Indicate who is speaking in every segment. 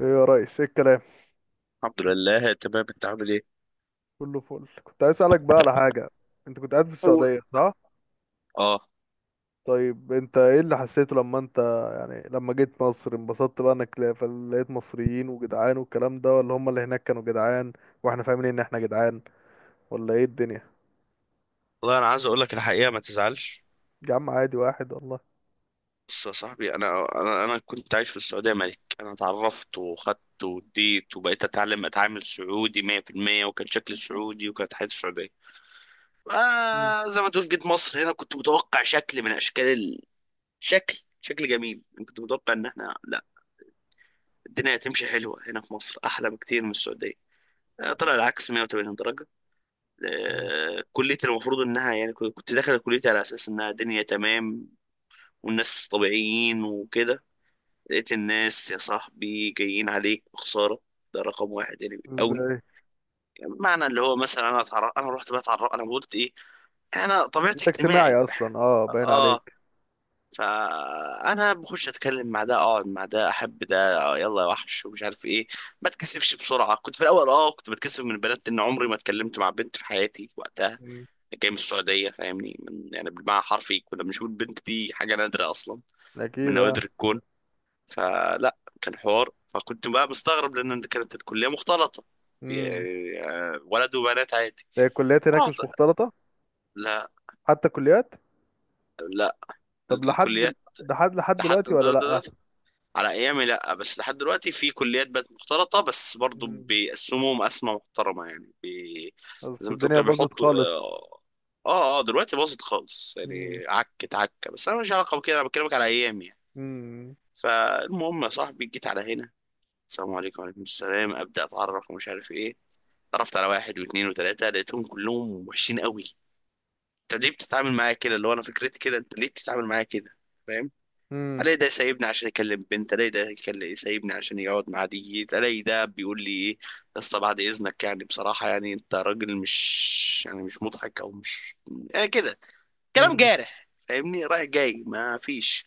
Speaker 1: ايه يا ريس، ايه الكلام؟
Speaker 2: الحمد لله، تمام. انت عامل ايه؟
Speaker 1: كله فل. كنت عايز اسالك بقى على حاجه. انت كنت قاعد في
Speaker 2: قول.
Speaker 1: السعوديه، صح؟
Speaker 2: اه.
Speaker 1: طيب، انت ايه اللي حسيته لما انت يعني لما جيت مصر؟ انبسطت بقى انك لقيت مصريين وجدعان والكلام ده، ولا هم اللي هناك كانوا جدعان واحنا فاهمين ان احنا جدعان؟ ولا ايه الدنيا؟
Speaker 2: والله انا عايز اقول لك الحقيقه، ما تزعلش.
Speaker 1: يا عم، عادي واحد والله.
Speaker 2: بص يا صاحبي، انا كنت عايش في السعوديه ملك. انا اتعرفت وخدت واديت وبقيت اتعلم، اتعامل سعودي 100%، وكان شكلي سعودي وكانت حياتي سعوديه.
Speaker 1: مم.
Speaker 2: زي ما تقول، جيت مصر. هنا كنت متوقع شكل من اشكال شكل شكل جميل. انا كنت متوقع ان احنا لا الدنيا هتمشي حلوه، هنا في مصر احلى بكتير من السعوديه. طلع العكس 180 درجه.
Speaker 1: مم.
Speaker 2: كليتي المفروض انها، يعني كنت داخل كليتي على اساس انها دنيا تمام والناس طبيعيين وكده. لقيت الناس يا صاحبي جايين عليك بخسارة، ده رقم واحد يعني قوي.
Speaker 1: ازاي؟
Speaker 2: يعني معنى اللي هو مثلا انا اتعرف، انا رحت بقى اتعرف، انا قلت ايه، انا طبيعتي
Speaker 1: انت اجتماعي
Speaker 2: اجتماعي.
Speaker 1: اصلا، اه، باين
Speaker 2: اه.
Speaker 1: عليك.
Speaker 2: فانا بخش اتكلم مع ده، اقعد مع ده، احب ده، يلا يا وحش ومش عارف ايه، ما اتكسفش بسرعه. كنت في الاول كنت بتكسف من البنات، لان عمري ما اتكلمت مع بنت في حياتي وقتها.
Speaker 1: مم.
Speaker 2: جاي من السعودية فاهمني، من يعني بالمعنى حرفي كنا بنشوف البنت دي حاجة نادرة أصلا، من
Speaker 1: اكيد اه.
Speaker 2: نوادر الكون. فلا كان حوار، فكنت بقى مستغرب لأن كانت الكلية مختلطة،
Speaker 1: امم.
Speaker 2: يعني ولد وبنات عادي.
Speaker 1: هي الكليات هناك
Speaker 2: رحت.
Speaker 1: مش مختلطه؟
Speaker 2: لا
Speaker 1: حتى كليات؟
Speaker 2: لا،
Speaker 1: طب لحد
Speaker 2: الكليات.
Speaker 1: لحد
Speaker 2: لحد
Speaker 1: دلوقتي ولا؟
Speaker 2: على ايامي لا، بس لحد دلوقتي في كليات بقت مختلطه، بس برضو
Speaker 1: لا،
Speaker 2: بيقسموهم قسمه محترمه يعني
Speaker 1: بس
Speaker 2: زي ما تقول
Speaker 1: الدنيا
Speaker 2: كده
Speaker 1: باظت
Speaker 2: بيحطوا
Speaker 1: خالص.
Speaker 2: اه. اه. دلوقتي باظت خالص
Speaker 1: مم.
Speaker 2: يعني، عكت عكه، بس انا مش علاقه بكده، انا بكلمك على ايامي يعني.
Speaker 1: مم.
Speaker 2: فالمهم يا صاحبي، جيت على هنا. السلام عليكم وعليكم السلام، ابدا اتعرف ومش عارف ايه. اتعرفت على واحد واثنين وثلاثه، لقيتهم كلهم وحشين قوي. انت ليه بتتعامل معايا كده؟ اللي هو انا فكرتي كده، انت ليه بتتعامل معايا كده؟ فاهم.
Speaker 1: مم.
Speaker 2: الاقي ده سايبني عشان يكلم بنت، الاقي ده يكلم سايبني عشان يقعد مع دي، الاقي ده بيقول لي ايه، يا اسطى بعد اذنك يعني بصراحه يعني انت راجل، مش يعني مش مضحك او مش، يعني كده، كلام
Speaker 1: مم.
Speaker 2: جارح فاهمني، رايح جاي ما فيش.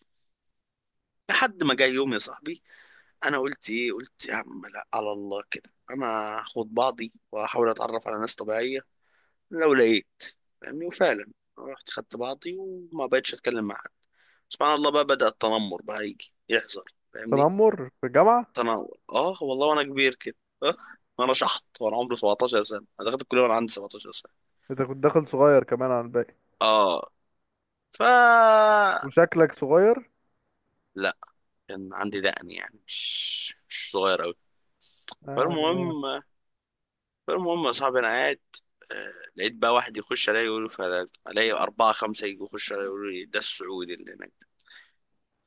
Speaker 2: لحد ما جاي يوم يا صاحبي، انا قلت ايه، قلت يا عم لا، على الله كده، انا هاخد بعضي واحاول اتعرف على ناس طبيعيه لو لقيت فاهمني. وفعلا رحت خدت بعضي وما بقتش اتكلم مع حد. سبحان الله، بقى بدأ التنمر بقى يجي يحصل فاهمني.
Speaker 1: تنمر في الجامعة؟
Speaker 2: انا اه والله، وانا كبير كده آه، وانا شحط، وانا عمري 17 سنه. انا دخلت الكليه وانا عندي 17 سنه.
Speaker 1: انت كنت داخل صغير كمان عن الباقي.
Speaker 2: اه. ف.
Speaker 1: وشكلك صغير
Speaker 2: لا، كان عندي دقن يعني، مش مش صغير قوي.
Speaker 1: يعني.
Speaker 2: فالمهم فالمهم يا صاحبي، انا قاعد. لقيت بقى واحد يخش عليا يقول لي، الاقي اربعه خمسه يجوا يخشوا عليا يقولوا لي، ده السعودي اللي هناك ده.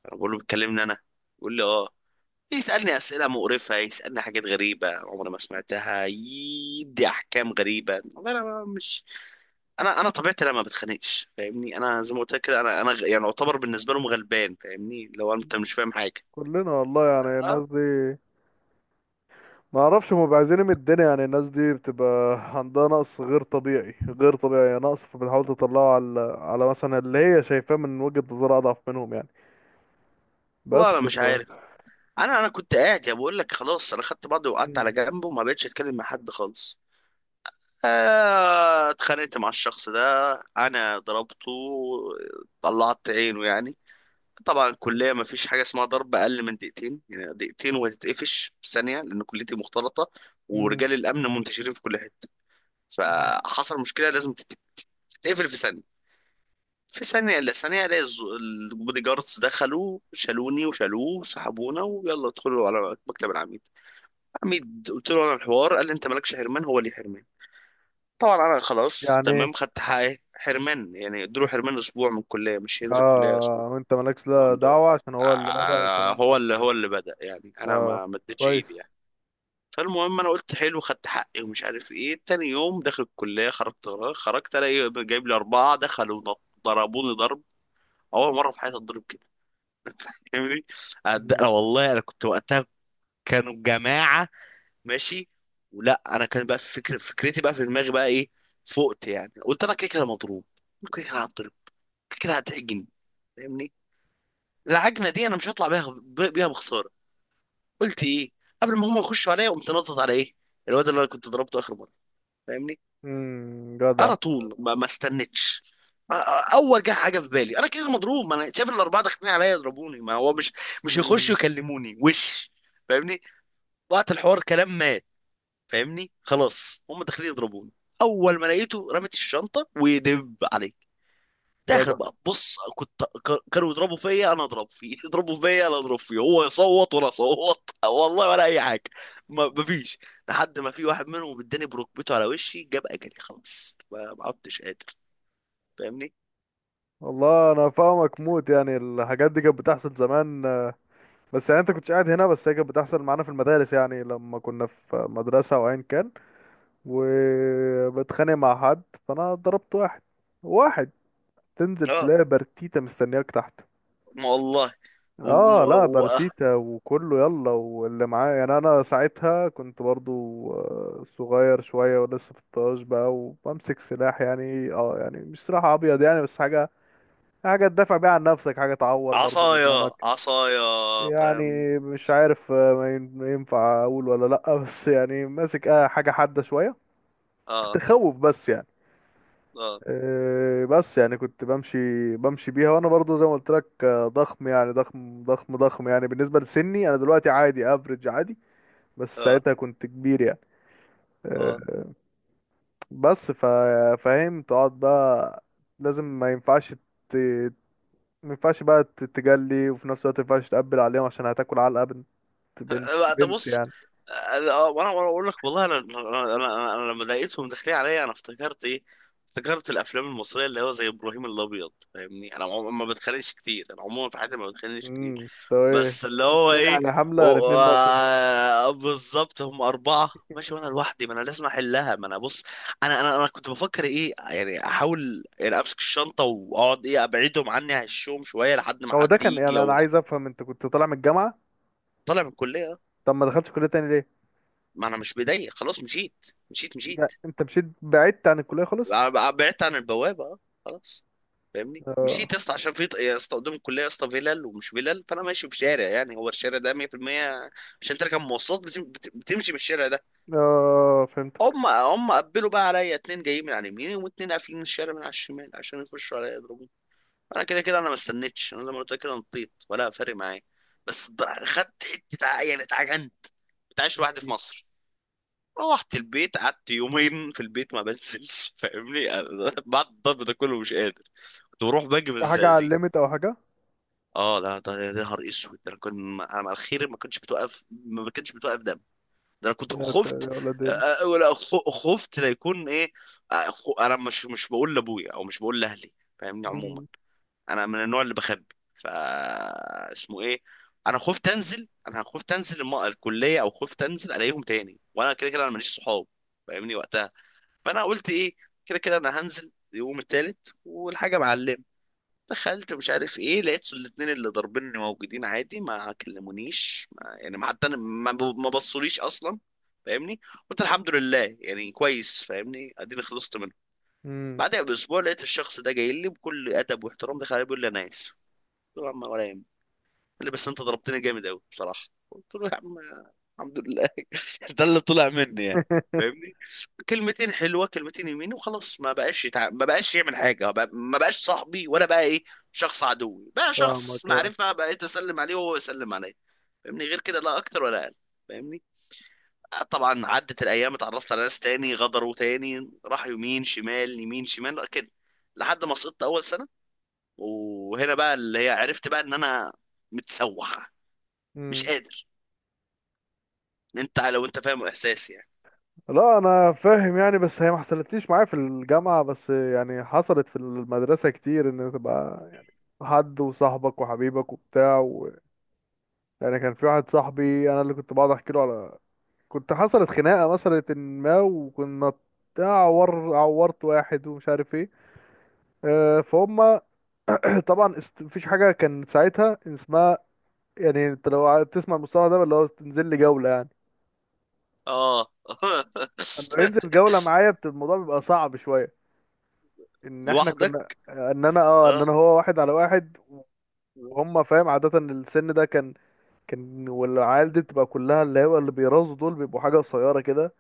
Speaker 2: انا بقول له بتكلمني انا؟ يقول لي اه. يسألني أسئلة مقرفة، يسألني حاجات غريبة عمري ما سمعتها، يدي أحكام غريبة والله. أنا ما- مش، أنا طبيعتي أنا ما بتخانقش فاهمني. أنا زي ما قلت لك كده، يعني أعتبر بالنسبة لهم غلبان فاهمني، لو أنت مش فاهم حاجة.
Speaker 1: كلنا والله، يعني الناس
Speaker 2: أه.
Speaker 1: دي ما اعرفش هم بيعزيني من الدنيا. يعني الناس دي بتبقى عندها نقص غير طبيعي، غير طبيعي نقص، فبتحاول تطلعه على مثلا اللي هي شايفاه من وجهة نظرها اضعف منهم يعني.
Speaker 2: والله أنا
Speaker 1: بس
Speaker 2: مش
Speaker 1: ف
Speaker 2: عارف. أنا كنت قاعد يا بقول لك، خلاص أنا خدت بعضي وقعدت على
Speaker 1: مم.
Speaker 2: جنبه وما بقتش أتكلم مع حد خالص. اتخانقت مع الشخص ده، أنا ضربته، طلعت عينه يعني. طبعا
Speaker 1: مم.
Speaker 2: الكلية ما فيش حاجة اسمها ضرب أقل من دقيقتين، يعني دقيقتين وهتتقفش في ثانية لأن كليتي مختلطة،
Speaker 1: مم.
Speaker 2: ورجال الأمن منتشرين في كل حتة. فحصل مشكلة لازم تتقفل في ثانية، في ثانية إلا ثانية ألاقي البودي جاردز دخلوا شالوني وشالوه وسحبونا، ويلا ادخلوا على مكتب العميد. العميد قلت له أنا الحوار، قال لي أنت مالكش حرمان، هو لي حرمان. طبعا أنا خلاص
Speaker 1: يعني
Speaker 2: تمام، خدت حقي حرمان يعني، ادوا له حرمان أسبوع من الكلية، مش هينزل كلية أسبوع.
Speaker 1: اه. وانت مالكش لا دعوة عشان هو اللي بدأ التنمر.
Speaker 2: هو اللي، هو اللي بدأ يعني، انا
Speaker 1: اه،
Speaker 2: ما اديتش ايدي
Speaker 1: كويس.
Speaker 2: يعني. فالمهم انا قلت حلو، خدت حقي ومش عارف ايه. تاني يوم داخل الكليه، خرجت خرجت، الاقي جايب لي اربعه، دخلوا ضربوني ضرب. اول مره في حياتي اتضرب كده فاهمني.
Speaker 1: مم.
Speaker 2: أنا والله انا كنت وقتها، كانوا جماعه ماشي، ولا انا كان بقى فكر فكرتي بقى في دماغي بقى ايه، فقت يعني، قلت انا كده كده مضروب، كده كده هتضرب، كده كده هتعجن فاهمني. العجنه دي انا مش هطلع بيها بيها بخساره. قلت ايه، قبل ما هم يخشوا عليا، قمت نطط على ايه، الواد اللي انا كنت ضربته اخر مره فاهمني.
Speaker 1: مم. جدع.
Speaker 2: على طول، ما استنتش. اول جه حاجه في بالي، انا كده مضروب، ما انا شايف الاربعه داخلين عليا يضربوني، ما هو مش، مش
Speaker 1: مم.
Speaker 2: يخشوا يكلموني وش فاهمني، وقت الحوار كلام مات فاهمني، خلاص هم داخلين يضربوني. اول ما لقيته رمت الشنطه ودب عليا، داخل
Speaker 1: جدع.
Speaker 2: بقى، بص كنت كانوا يضربوا فيا انا اضرب فيه يضربوا فيا انا اضرب فيه، هو يصوت وانا اصوت والله ولا اي حاجه. ما مفيش، لحد ما في واحد منهم اداني بركبته على وشي، جاب اجلي خلاص، ما عدتش قادر فاهمني.
Speaker 1: والله انا فاهمك موت، يعني الحاجات دي كانت بتحصل زمان. بس يعني انت كنتش قاعد هنا، بس هي كانت بتحصل معانا في المدارس، يعني لما كنا في مدرسة او ايا كان وبتخانق مع حد، فانا ضربت واحد. واحد تنزل
Speaker 2: اه.
Speaker 1: تلاقي برتيتة مستنياك تحت.
Speaker 2: ما والله. وم-
Speaker 1: اه لا،
Speaker 2: و...
Speaker 1: بارتيتا وكله يلا واللي معاه، يعني انا ساعتها كنت برضو صغير شوية، ولسه في الطاج بقى، وبمسك سلاح، يعني يعني مش سلاح ابيض يعني، بس حاجة، حاجة تدافع بيها عن نفسك، حاجة تعور برضو اللي
Speaker 2: عصايا
Speaker 1: قدامك
Speaker 2: عصايا.
Speaker 1: يعني.
Speaker 2: فاهم.
Speaker 1: مش عارف ما ينفع اقول ولا لا. بس يعني ماسك حاجة حادة شوية،
Speaker 2: اه.
Speaker 1: تخوف بس يعني.
Speaker 2: اه
Speaker 1: إيه، بس يعني كنت بمشي بيها وانا برضه زي ما قلت لك، ضخم يعني، ضخم ضخم ضخم، يعني بالنسبه لسني انا دلوقتي عادي افريج عادي، بس
Speaker 2: اه
Speaker 1: ساعتها كنت كبير يعني.
Speaker 2: اه.
Speaker 1: آه، بس فاهم تقعد بقى، لازم ما ينفعش ت... ما ينفعش بقى تتجلي، وفي نفس الوقت ما ينفعش تقبل عليهم عشان هتاكل علقة بنت. بنت
Speaker 2: طب
Speaker 1: بنت
Speaker 2: بص.
Speaker 1: يعني.
Speaker 2: وانا، وانا اقول لك والله انا انا انا, أنا لما لقيتهم داخلين عليا، انا افتكرت ايه، افتكرت الافلام المصريه اللي هو زي ابراهيم الابيض فاهمني. ما بتخانقش كتير، انا عموما في حياتي ما بتخانقش كتير.
Speaker 1: طب ايه،
Speaker 2: بس اللي هو
Speaker 1: اتنين
Speaker 2: ايه،
Speaker 1: يعني حملة يعني، اتنين بقى اتنين.
Speaker 2: بالظبط هم أربعة ماشي وأنا لوحدي، ما أنا لازم أحلها، ما أنا بص، أنا كنت بفكر إيه يعني، أحاول يعني أمسك الشنطة وأقعد إيه، أبعدهم عني، أهشهم شوية لحد ما
Speaker 1: هو ده
Speaker 2: حد
Speaker 1: كان
Speaker 2: يجي
Speaker 1: يعني، انا
Speaker 2: أو لا.
Speaker 1: عايز افهم، انت كنت طالع من الجامعة؟
Speaker 2: طالع من الكلية.
Speaker 1: طب ما دخلتش كلية تاني ليه؟
Speaker 2: ما انا مش مضايق خلاص، مشيت مشيت
Speaker 1: لا،
Speaker 2: مشيت.
Speaker 1: انت مشيت بعدت عن الكلية خالص.
Speaker 2: بعدت عن البوابه اه، خلاص فاهمني.
Speaker 1: اه
Speaker 2: مشيت يا اسطى عشان في يا اسطى قدام الكليه يا اسطى فيلل ومش فيلل، فانا ماشي في شارع، يعني هو الشارع ده 100% عشان تركب مواصلات، بتمشي من الشارع ده.
Speaker 1: اه، فهمتك.
Speaker 2: هم هم قبلوا بقى عليا، اتنين جايين من على اليمين واتنين قافلين الشارع من على الشمال عشان يخشوا عليا يضربوني. انا كده كده، انا ما استنيتش، انا زي ما قلت لك كده، نطيت ولا فارق معايا. بس خدت حته يعني اتعجنت. ما بتعيش لوحدي في
Speaker 1: مم.
Speaker 2: مصر. روحت البيت، قعدت يومين في البيت ما بنزلش فاهمني بعد الضرب ده كله مش قادر. كنت بروح باجي من
Speaker 1: في حاجة على
Speaker 2: الزقازيق.
Speaker 1: الليميت او حاجة؟
Speaker 2: اه لا، ده ده نهار اسود ده، انا كنت انا على الخير ما كنتش بتوقف، ما كنتش بتوقف دم، ده انا كنت
Speaker 1: يا ساتر، يا
Speaker 2: خفت.
Speaker 1: ولد ال
Speaker 2: ولا خفت لا يكون ايه. انا مش مش بقول لابويا او مش بقول لاهلي فاهمني، عموما
Speaker 1: مم.
Speaker 2: انا من النوع اللي بخبي. ف، اسمه ايه، انا خفت انزل، انا خفت انزل الكليه، او خفت انزل الاقيهم تاني، وانا كده كده انا ماليش صحاب فاهمني وقتها. فانا قلت ايه، كده كده انا هنزل يوم التالت والحاجه معلمه. دخلت مش عارف ايه، لقيت الاتنين اللي ضاربيني موجودين عادي، ما كلمونيش، ما يعني ما حتى ما بصوليش اصلا فاهمني. قلت الحمد لله يعني، كويس فاهمني، اديني خلصت منه.
Speaker 1: مم.
Speaker 2: بعدها باسبوع، لقيت الشخص ده جاي لي بكل ادب واحترام، دخل علي بيقول لي انا اسف. قلت له يا عم ولا يهمك. قال لي بس انت ضربتني جامد قوي بصراحه. قلت له يا عم الحمد لله ده اللي طلع مني يعني فاهمني. كلمتين حلوه كلمتين يمين، وخلاص. ما بقاش يتع...، ما بقاش يعمل حاجه بقى...، ما بقاش صاحبي ولا بقى ايه، شخص عدوي بقى شخص
Speaker 1: فاهمك اه.
Speaker 2: معرفه، بقيت اسلم عليه وهو يسلم عليا فاهمني، غير كده لا اكتر ولا اقل فاهمني. طبعا عدت الايام، اتعرفت على ناس تاني، غدروا تاني، راح يمين شمال يمين شمال كده، لحد ما سقطت اول سنه. وهنا بقى اللي هي، عرفت بقى ان انا متسوح، مش
Speaker 1: مم.
Speaker 2: قادر، ان انت لو انت فاهم احساسي يعني.
Speaker 1: لا انا فاهم يعني، بس هي ما حصلتليش معايا في الجامعة، بس يعني حصلت في المدرسة كتير، ان تبقى حد وصاحبك وحبيبك وبتاع يعني. كان في واحد صاحبي انا اللي كنت بقعد احكي له على، كنت حصلت خناقة مثلا ما، وكنا عورت واحد ومش عارف ايه. فهم. طبعا مفيش حاجه كان ساعتها اسمها، يعني انت لو تسمع المصطلح ده اللي هو تنزل لي جوله يعني.
Speaker 2: اه
Speaker 1: انه ينزل جوله معايا، الموضوع بيبقى صعب شويه، ان احنا
Speaker 2: لوحدك.
Speaker 1: كنا ان انا اه ان
Speaker 2: اه.
Speaker 1: انا هو واحد على واحد، وهم فاهم عاده، إن السن ده كان، والعيال دي بتبقى كلها اللي هو اللي بيرازوا دول بيبقوا حاجه قصيره كده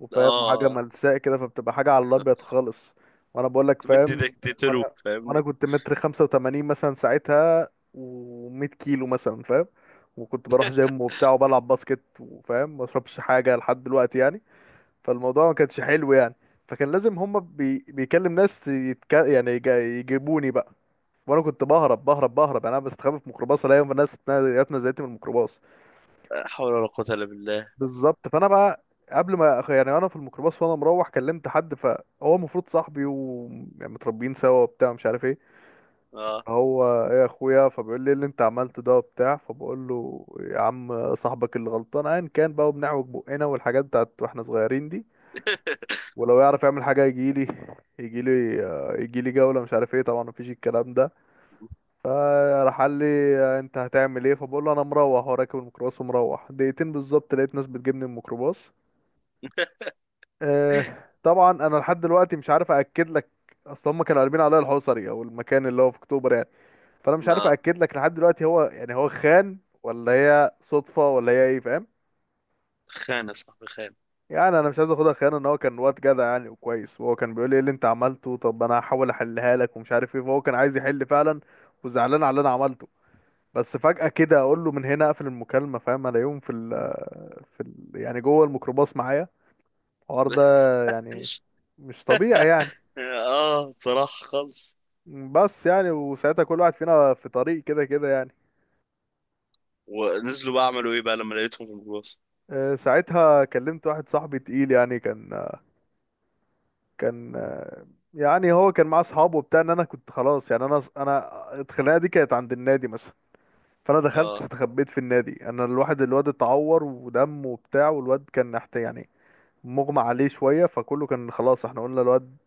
Speaker 1: وفاهم، وحاجه
Speaker 2: اه،
Speaker 1: ملساء كده، فبتبقى حاجه على الابيض خالص. وانا بقول لك
Speaker 2: تمد
Speaker 1: فاهم.
Speaker 2: ايدك تقتله
Speaker 1: وانا وانا
Speaker 2: فاهمني.
Speaker 1: كنت متر 85 مثلا ساعتها، و100 كيلو مثلا فاهم، وكنت بروح جيم وبتاع وبلعب باسكت وفاهم، ما اشربش حاجه لحد دلوقتي يعني. فالموضوع ما كانش حلو يعني. فكان لازم هما بيكلم ناس يعني يجيبوني بقى، وانا كنت بهرب بهرب بهرب يعني. انا بستخبى في ميكروباص، الاقي ناس جات نزلتني من الميكروباص.
Speaker 2: لا حول ولا قوة الا بالله.
Speaker 1: بالظبط، فانا بقى قبل ما يعني انا في الميكروباص وانا مروح كلمت حد، فهو المفروض صاحبي ومتربيين سوا وبتاع مش عارف ايه،
Speaker 2: اه
Speaker 1: هو ايه يا اخويا، فبيقول لي إيه اللي انت عملته ده وبتاع. فبقول له يا عم صاحبك اللي غلطان، ايا كان بقى وبنعوج بقنا والحاجات بتاعت واحنا صغيرين دي، ولو يعرف يعمل حاجه يجي لي، يجي لي، يجي لي جوله، مش عارف ايه. طبعا مفيش الكلام ده. فراح قال لي، انت هتعمل ايه؟ فبقول له انا مروح وراكب الميكروباص ومروح، دقيقتين بالظبط لقيت ناس بتجيبني من الميكروباص. آه، طبعا انا لحد دلوقتي مش عارف اكد لك، اصل هم كانوا قلبين عليا الحصري او المكان اللي هو في اكتوبر يعني، فانا مش عارف
Speaker 2: اه.
Speaker 1: اكد لك لحد دلوقتي هو يعني هو خان ولا هي صدفه ولا هي ايه، فاهم.
Speaker 2: خانة صاحبي خانة.
Speaker 1: يعني انا مش عايز اخدها خيانه، ان هو كان واد جدع يعني وكويس، وهو كان بيقول لي ايه اللي انت عملته، طب انا هحاول احلها لك ومش عارف ايه، فهو كان عايز يحل فعلا وزعلان على اللي انا عملته. بس فجاه كده اقول له من هنا اقفل المكالمه، فاهم الاقيهم في ال في ال يعني جوه الميكروباص معايا، الحوار ده يعني مش طبيعي يعني.
Speaker 2: اه، بصراحة خالص.
Speaker 1: بس يعني وساعتها كل واحد فينا في طريق كده كده يعني.
Speaker 2: ونزلوا بقى عملوا ايه بقى لما لقيتهم في الباص؟
Speaker 1: ساعتها كلمت واحد صاحبي تقيل يعني، كان يعني هو كان معاه اصحابه وبتاع، ان انا كنت خلاص يعني، انا الخناقه دي كانت عند النادي مثلا. فانا دخلت
Speaker 2: اه.
Speaker 1: استخبيت في النادي، انا الواحد الواد اتعور ودم وبتاع، والواد كان نحت يعني، مغمى عليه شويه، فكله كان خلاص احنا قلنا الواد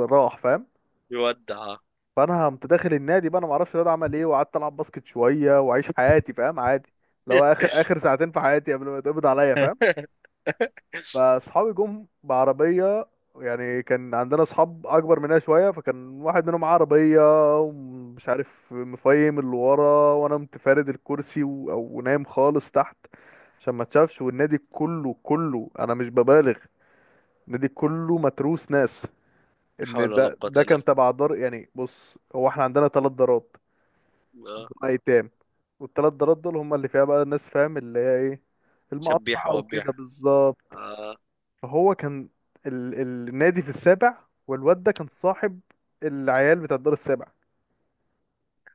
Speaker 1: راح فاهم.
Speaker 2: يودع.
Speaker 1: فانا قمت داخل النادي بقى، انا ما اعرفش الواد عمل ايه، وقعدت العب باسكت شويه واعيش حياتي فاهم عادي، لو اخر اخر ساعتين في حياتي قبل ما يتقبض عليا فاهم. فاصحابي جم بعربيه، يعني كان عندنا اصحاب اكبر مننا شويه، فكان واحد منهم معاه عربيه، ومش عارف مفيم اللي ورا، وانا متفارد الكرسي او نايم خالص تحت عشان ما تشافش، والنادي كله، كله انا مش ببالغ، النادي كله متروس ناس، ان
Speaker 2: حول ولا
Speaker 1: ده
Speaker 2: قوة
Speaker 1: ده
Speaker 2: الا
Speaker 1: كان تبع دار يعني. بص هو احنا عندنا ثلاث دارات،
Speaker 2: بالله. اه،
Speaker 1: دول ايتام، والثلاث دارات دول هم اللي فيها بقى الناس فاهم، اللي هي ايه
Speaker 2: شبيح
Speaker 1: المقطعة وكده
Speaker 2: وبيح.
Speaker 1: بالظبط.
Speaker 2: اه.
Speaker 1: فهو كان النادي في السابع، والواد ده كان صاحب العيال بتاع الدار السابع،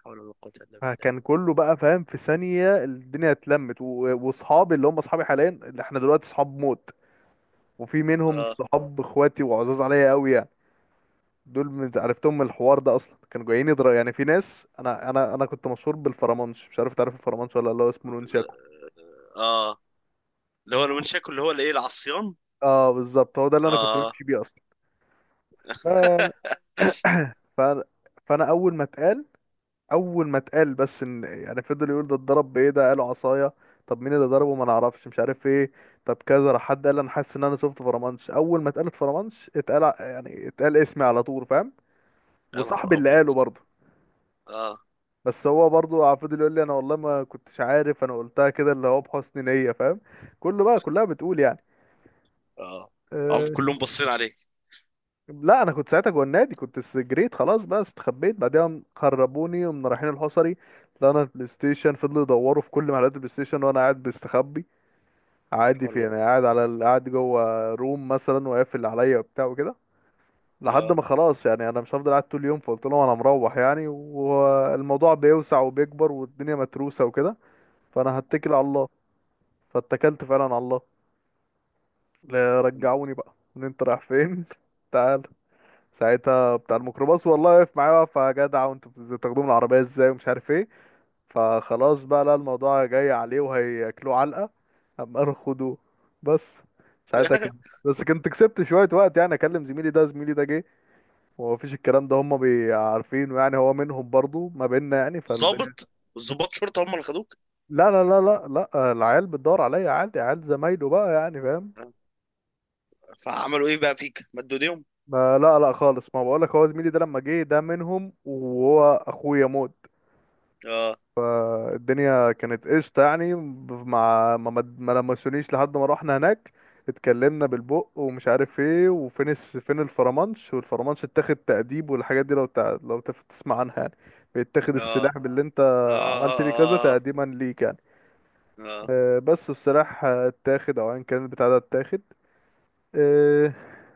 Speaker 2: حول ولا قوة الا بالله.
Speaker 1: فكان كله بقى فاهم، في ثانية الدنيا اتلمت، واصحابي اللي هم اصحابي حاليا، اللي احنا دلوقتي صحاب موت، وفي منهم
Speaker 2: اه.
Speaker 1: صحاب اخواتي وعزاز عليا قوي يعني، دول من عرفتهم من الحوار ده اصلا كانوا جايين يضرب يعني. في ناس، انا كنت مشهور بالفرمانش، مش عارف تعرف الفرمانش ولا لا، اللي هو اسمه نونشاكو.
Speaker 2: اه، اللي هو المنشاكو اللي هو الايه، العصيان.
Speaker 1: اه بالظبط، هو ده اللي انا كنت
Speaker 2: اه
Speaker 1: بمشي بيه اصلا. ف... ف... فانا اول ما اتقال، اول ما اتقال بس، ان يعني فضل يقول ده اتضرب بايه، ده قالوا عصايه، طب مين اللي ضربه؟ ما نعرفش، مش عارف ايه، طب كذا، راح حد قال انا حاسس ان انا شفت فرمانش، اول ما اتقالت فرمانش اتقال يعني اتقال اسمي على طول فاهم،
Speaker 2: يا
Speaker 1: وصاحبي
Speaker 2: نهار
Speaker 1: اللي
Speaker 2: ابيض.
Speaker 1: قاله برضه،
Speaker 2: اه.
Speaker 1: بس هو برضه فضل يقول لي انا والله ما كنتش عارف، انا قلتها كده اللي هو بحسن نيه فاهم، كله بقى كلها بتقول يعني.
Speaker 2: اه. هم
Speaker 1: آه،
Speaker 2: كلهم باصين عليك.
Speaker 1: لا انا كنت ساعتها جوه النادي، كنت جريت خلاص بقى استخبيت بعدها، خربوني ومن رايحين الحصري طلعنا البلاي ستيشن، فضلوا يدوروا في كل محلات البلاي ستيشن وانا قاعد بستخبي،
Speaker 2: لا
Speaker 1: عادي
Speaker 2: حول
Speaker 1: في
Speaker 2: ولا
Speaker 1: يعني، قاعد على قاعد جوه روم مثلا وقافل عليا وبتاع وكده، لحد
Speaker 2: قوة.
Speaker 1: ما خلاص يعني انا مش هفضل قاعد طول اليوم، فقلت لهم انا مروح يعني، والموضوع بيوسع وبيكبر والدنيا متروسه وكده، فانا هتكل على الله، فاتكلت فعلا على الله. لا، رجعوني بقى ان انت رايح فين، تعال. ساعتها بتاع الميكروباص والله واقف معايا، واقف يا جدع وانتوا بتاخدوه من العربية ازاي ومش عارف ايه. فخلاص بقى، لا الموضوع جاي عليه وهياكلوه علقة، قام قالوا خدوه بس. ساعتها كان،
Speaker 2: اه
Speaker 1: بس كنت كسبت شوية وقت، يعني اكلم زميلي ده، زميلي ده جه، ومفيش الكلام ده هما عارفينه يعني، هو منهم برضو، ما بيننا يعني فالدنيا.
Speaker 2: ظابط، ظباط شرطه هم اللي خدوك؟
Speaker 1: لا لا لا لا، لا العيال بتدور عليا عادي، عيال زمايله بقى يعني فاهم.
Speaker 2: آه. فعملوا ايه بقى فيك، مدوا ايديهم؟
Speaker 1: ما لا لا خالص، ما بقولك هو زميلي ده لما جه ده منهم وهو اخويا موت،
Speaker 2: اه
Speaker 1: فالدنيا كانت قشطة يعني، مع ما لمسونيش لحد ما روحنا هناك، اتكلمنا بالبق ومش عارف ايه وفين فين الفرمانش، والفرمانش اتاخد تأديب، والحاجات دي لو لو تسمع عنها يعني، بيتاخد
Speaker 2: اه
Speaker 1: السلاح باللي انت
Speaker 2: اه
Speaker 1: عملت بيه كذا
Speaker 2: اه. اه.
Speaker 1: تقديما ليك يعني.
Speaker 2: اه،
Speaker 1: بس، والسلاح اتاخد او ايا كان البتاع ده اتاخد. آه،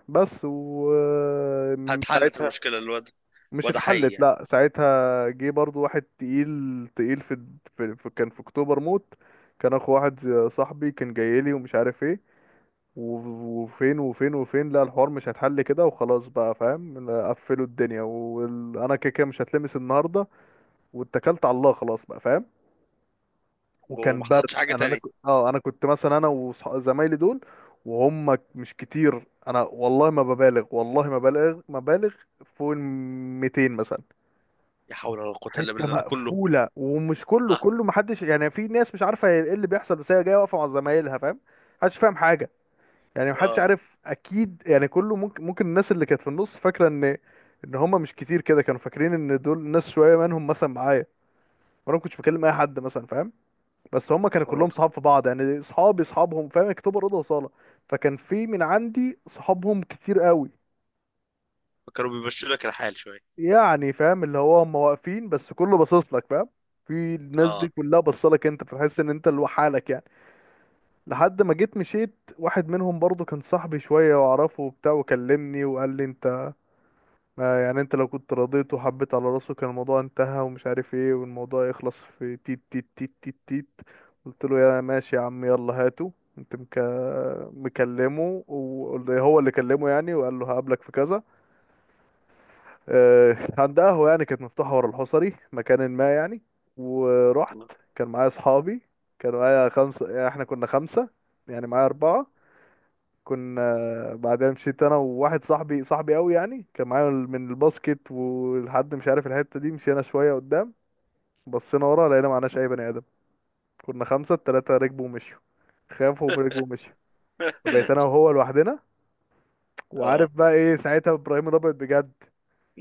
Speaker 1: بس و آه،
Speaker 2: هتحلت المشكله الواد؟
Speaker 1: مش
Speaker 2: واد حي
Speaker 1: اتحلت،
Speaker 2: يعني.
Speaker 1: لا ساعتها جه برضو واحد تقيل تقيل في كان في اكتوبر موت، كان اخو واحد صاحبي كان جاي لي ومش عارف ايه، وفين، لا الحوار مش هيتحل كده وخلاص بقى فاهم، قفلوا الدنيا، وانا كده كده مش هتلمس النهارده، واتكلت على الله خلاص بقى فاهم. وكان
Speaker 2: وما
Speaker 1: برد،
Speaker 2: حصلش حاجه
Speaker 1: انا انا ك-
Speaker 2: تانية؟
Speaker 1: اه انا كنت مثلا انا وزمايلي دول، وهم مش كتير، انا والله ما ببالغ، والله ما ببالغ ما بالغ، فوق ال 200 مثلا،
Speaker 2: يا حول ولا قوه الا
Speaker 1: حته
Speaker 2: بالله ده كله.
Speaker 1: مقفوله ومش كله،
Speaker 2: اه.
Speaker 1: كله محدش يعني، في ناس مش عارفه هي ايه اللي بيحصل، بس هي جايه واقفه مع زمايلها فاهم. محدش فاهم حاجه يعني،
Speaker 2: اه،
Speaker 1: محدش
Speaker 2: لا
Speaker 1: عارف اكيد يعني، كله ممكن، ممكن الناس اللي كانت في النص فاكره ان ان هم مش كتير كده، كانوا فاكرين ان دول ناس شويه منهم مثلا معايا، وانا ما كنتش بكلم اي حد مثلا فاهم، بس هم كانوا
Speaker 2: حول ولا
Speaker 1: كلهم
Speaker 2: قوه.
Speaker 1: صحاب في بعض يعني، اصحابي اصحابهم فاهم، اكتوبر اوضه وصاله، فكان في من عندي صحابهم كتير قوي،
Speaker 2: فكانوا بيمشوا لك الحال شويه.
Speaker 1: يعني فاهم اللي هو هم واقفين بس كله باصص لك فاهم، في الناس دي
Speaker 2: اه
Speaker 1: كلها بصلك انت، فتحس ان انت لوحدك يعني، لحد ما جيت مشيت. واحد منهم برضو كان صاحبي شوية واعرفه وبتاع، وكلمني وقال لي انت، ما يعني انت لو كنت رضيت وحبيت على راسه كان الموضوع انتهى ومش عارف ايه، والموضوع يخلص في تيت تيت تيت تيت تيت. قلت له يا ماشي يا عم يلا هاته. انت مكلمه وهو اللي كلمه يعني، وقال له هقابلك في كذا، عند قهوة يعني كانت مفتوحة ورا الحصري مكان ما يعني، ورحت. كان معايا أصحابي، كانوا معايا خمسة، يعني احنا كنا خمسة، يعني معايا أربعة، كنا بعدين مشيت أنا وواحد صاحبي، صاحبي أوي يعني، كان معايا من الباسكت، ولحد مش عارف الحتة دي مشينا شوية قدام، بصينا ورا لقينا معناش أي بني آدم، كنا خمسة، التلاتة ركبوا ومشيوا، خافوا وركبوا ومشيوا، فبقيت أنا وهو لوحدنا، وعارف
Speaker 2: اه.
Speaker 1: بقى إيه ساعتها، إبراهيم الأبيض بجد.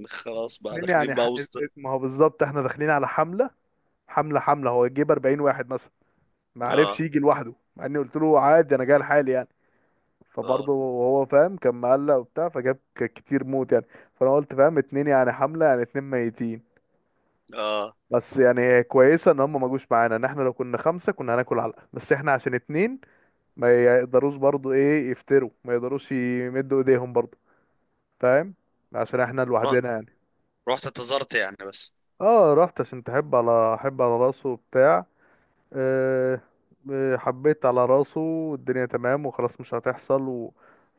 Speaker 2: خلاص بقى
Speaker 1: اتنين
Speaker 2: داخلين
Speaker 1: يعني
Speaker 2: بقى وسط.
Speaker 1: ما هو بالظبط احنا داخلين على حملة، حمله حمله هو يجيب 40 واحد مثلا، ما عرفش
Speaker 2: اه.
Speaker 1: يجي لوحده، مع اني قلت له عادي انا جاي لحالي يعني،
Speaker 2: اه.
Speaker 1: فبرضه هو فاهم كان مقلق وبتاع، فجاب كتير موت يعني. فانا قلت فاهم اتنين يعني حمله يعني اتنين ميتين،
Speaker 2: اه.
Speaker 1: بس يعني هي كويسه ان هم ما جوش معانا، ان احنا لو كنا خمسه كنا هناكل علقه، بس احنا عشان اتنين ما يقدروش برضه ايه يفتروا، ما يقدروش يمدوا ايديهم برضه فاهم، عشان احنا
Speaker 2: رحت
Speaker 1: لوحدنا يعني.
Speaker 2: رحت انتظرت يعني بس؟
Speaker 1: اه رحت عشان تحب على احب على راسه وبتاع. أه. حبيت على راسه والدنيا تمام وخلاص، مش هتحصل،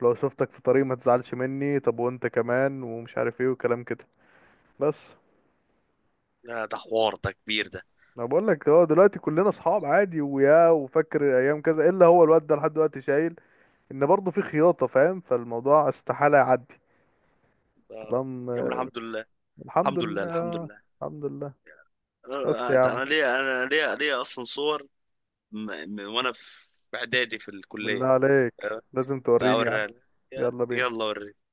Speaker 1: ولو شفتك في طريق ما تزعلش مني، طب وانت كمان ومش عارف ايه وكلام كده بس.
Speaker 2: لا ده حوار ده كبير ده.
Speaker 1: انا بقول لك اه دلوقتي كلنا اصحاب عادي، ويا وفاكر ايام كذا، الا هو الواد ده لحد دلوقتي شايل، ان برضه في خياطة فاهم، فالموضوع استحالة يعدي
Speaker 2: اه، يا عم
Speaker 1: طالما.
Speaker 2: الحمد لله.
Speaker 1: الحمد
Speaker 2: الحمد لله الحمد
Speaker 1: لله.
Speaker 2: لله.
Speaker 1: الحمد لله، بس
Speaker 2: انا
Speaker 1: يا عم،
Speaker 2: أنا ليا، انا ليا اصلا صور، وانا في اعدادي في
Speaker 1: بالله
Speaker 2: الكليه.
Speaker 1: عليك
Speaker 2: آه،
Speaker 1: لازم
Speaker 2: تعال
Speaker 1: توريني يا عم.
Speaker 2: اوريها لك.
Speaker 1: يلا بينا.
Speaker 2: يلا اوريك.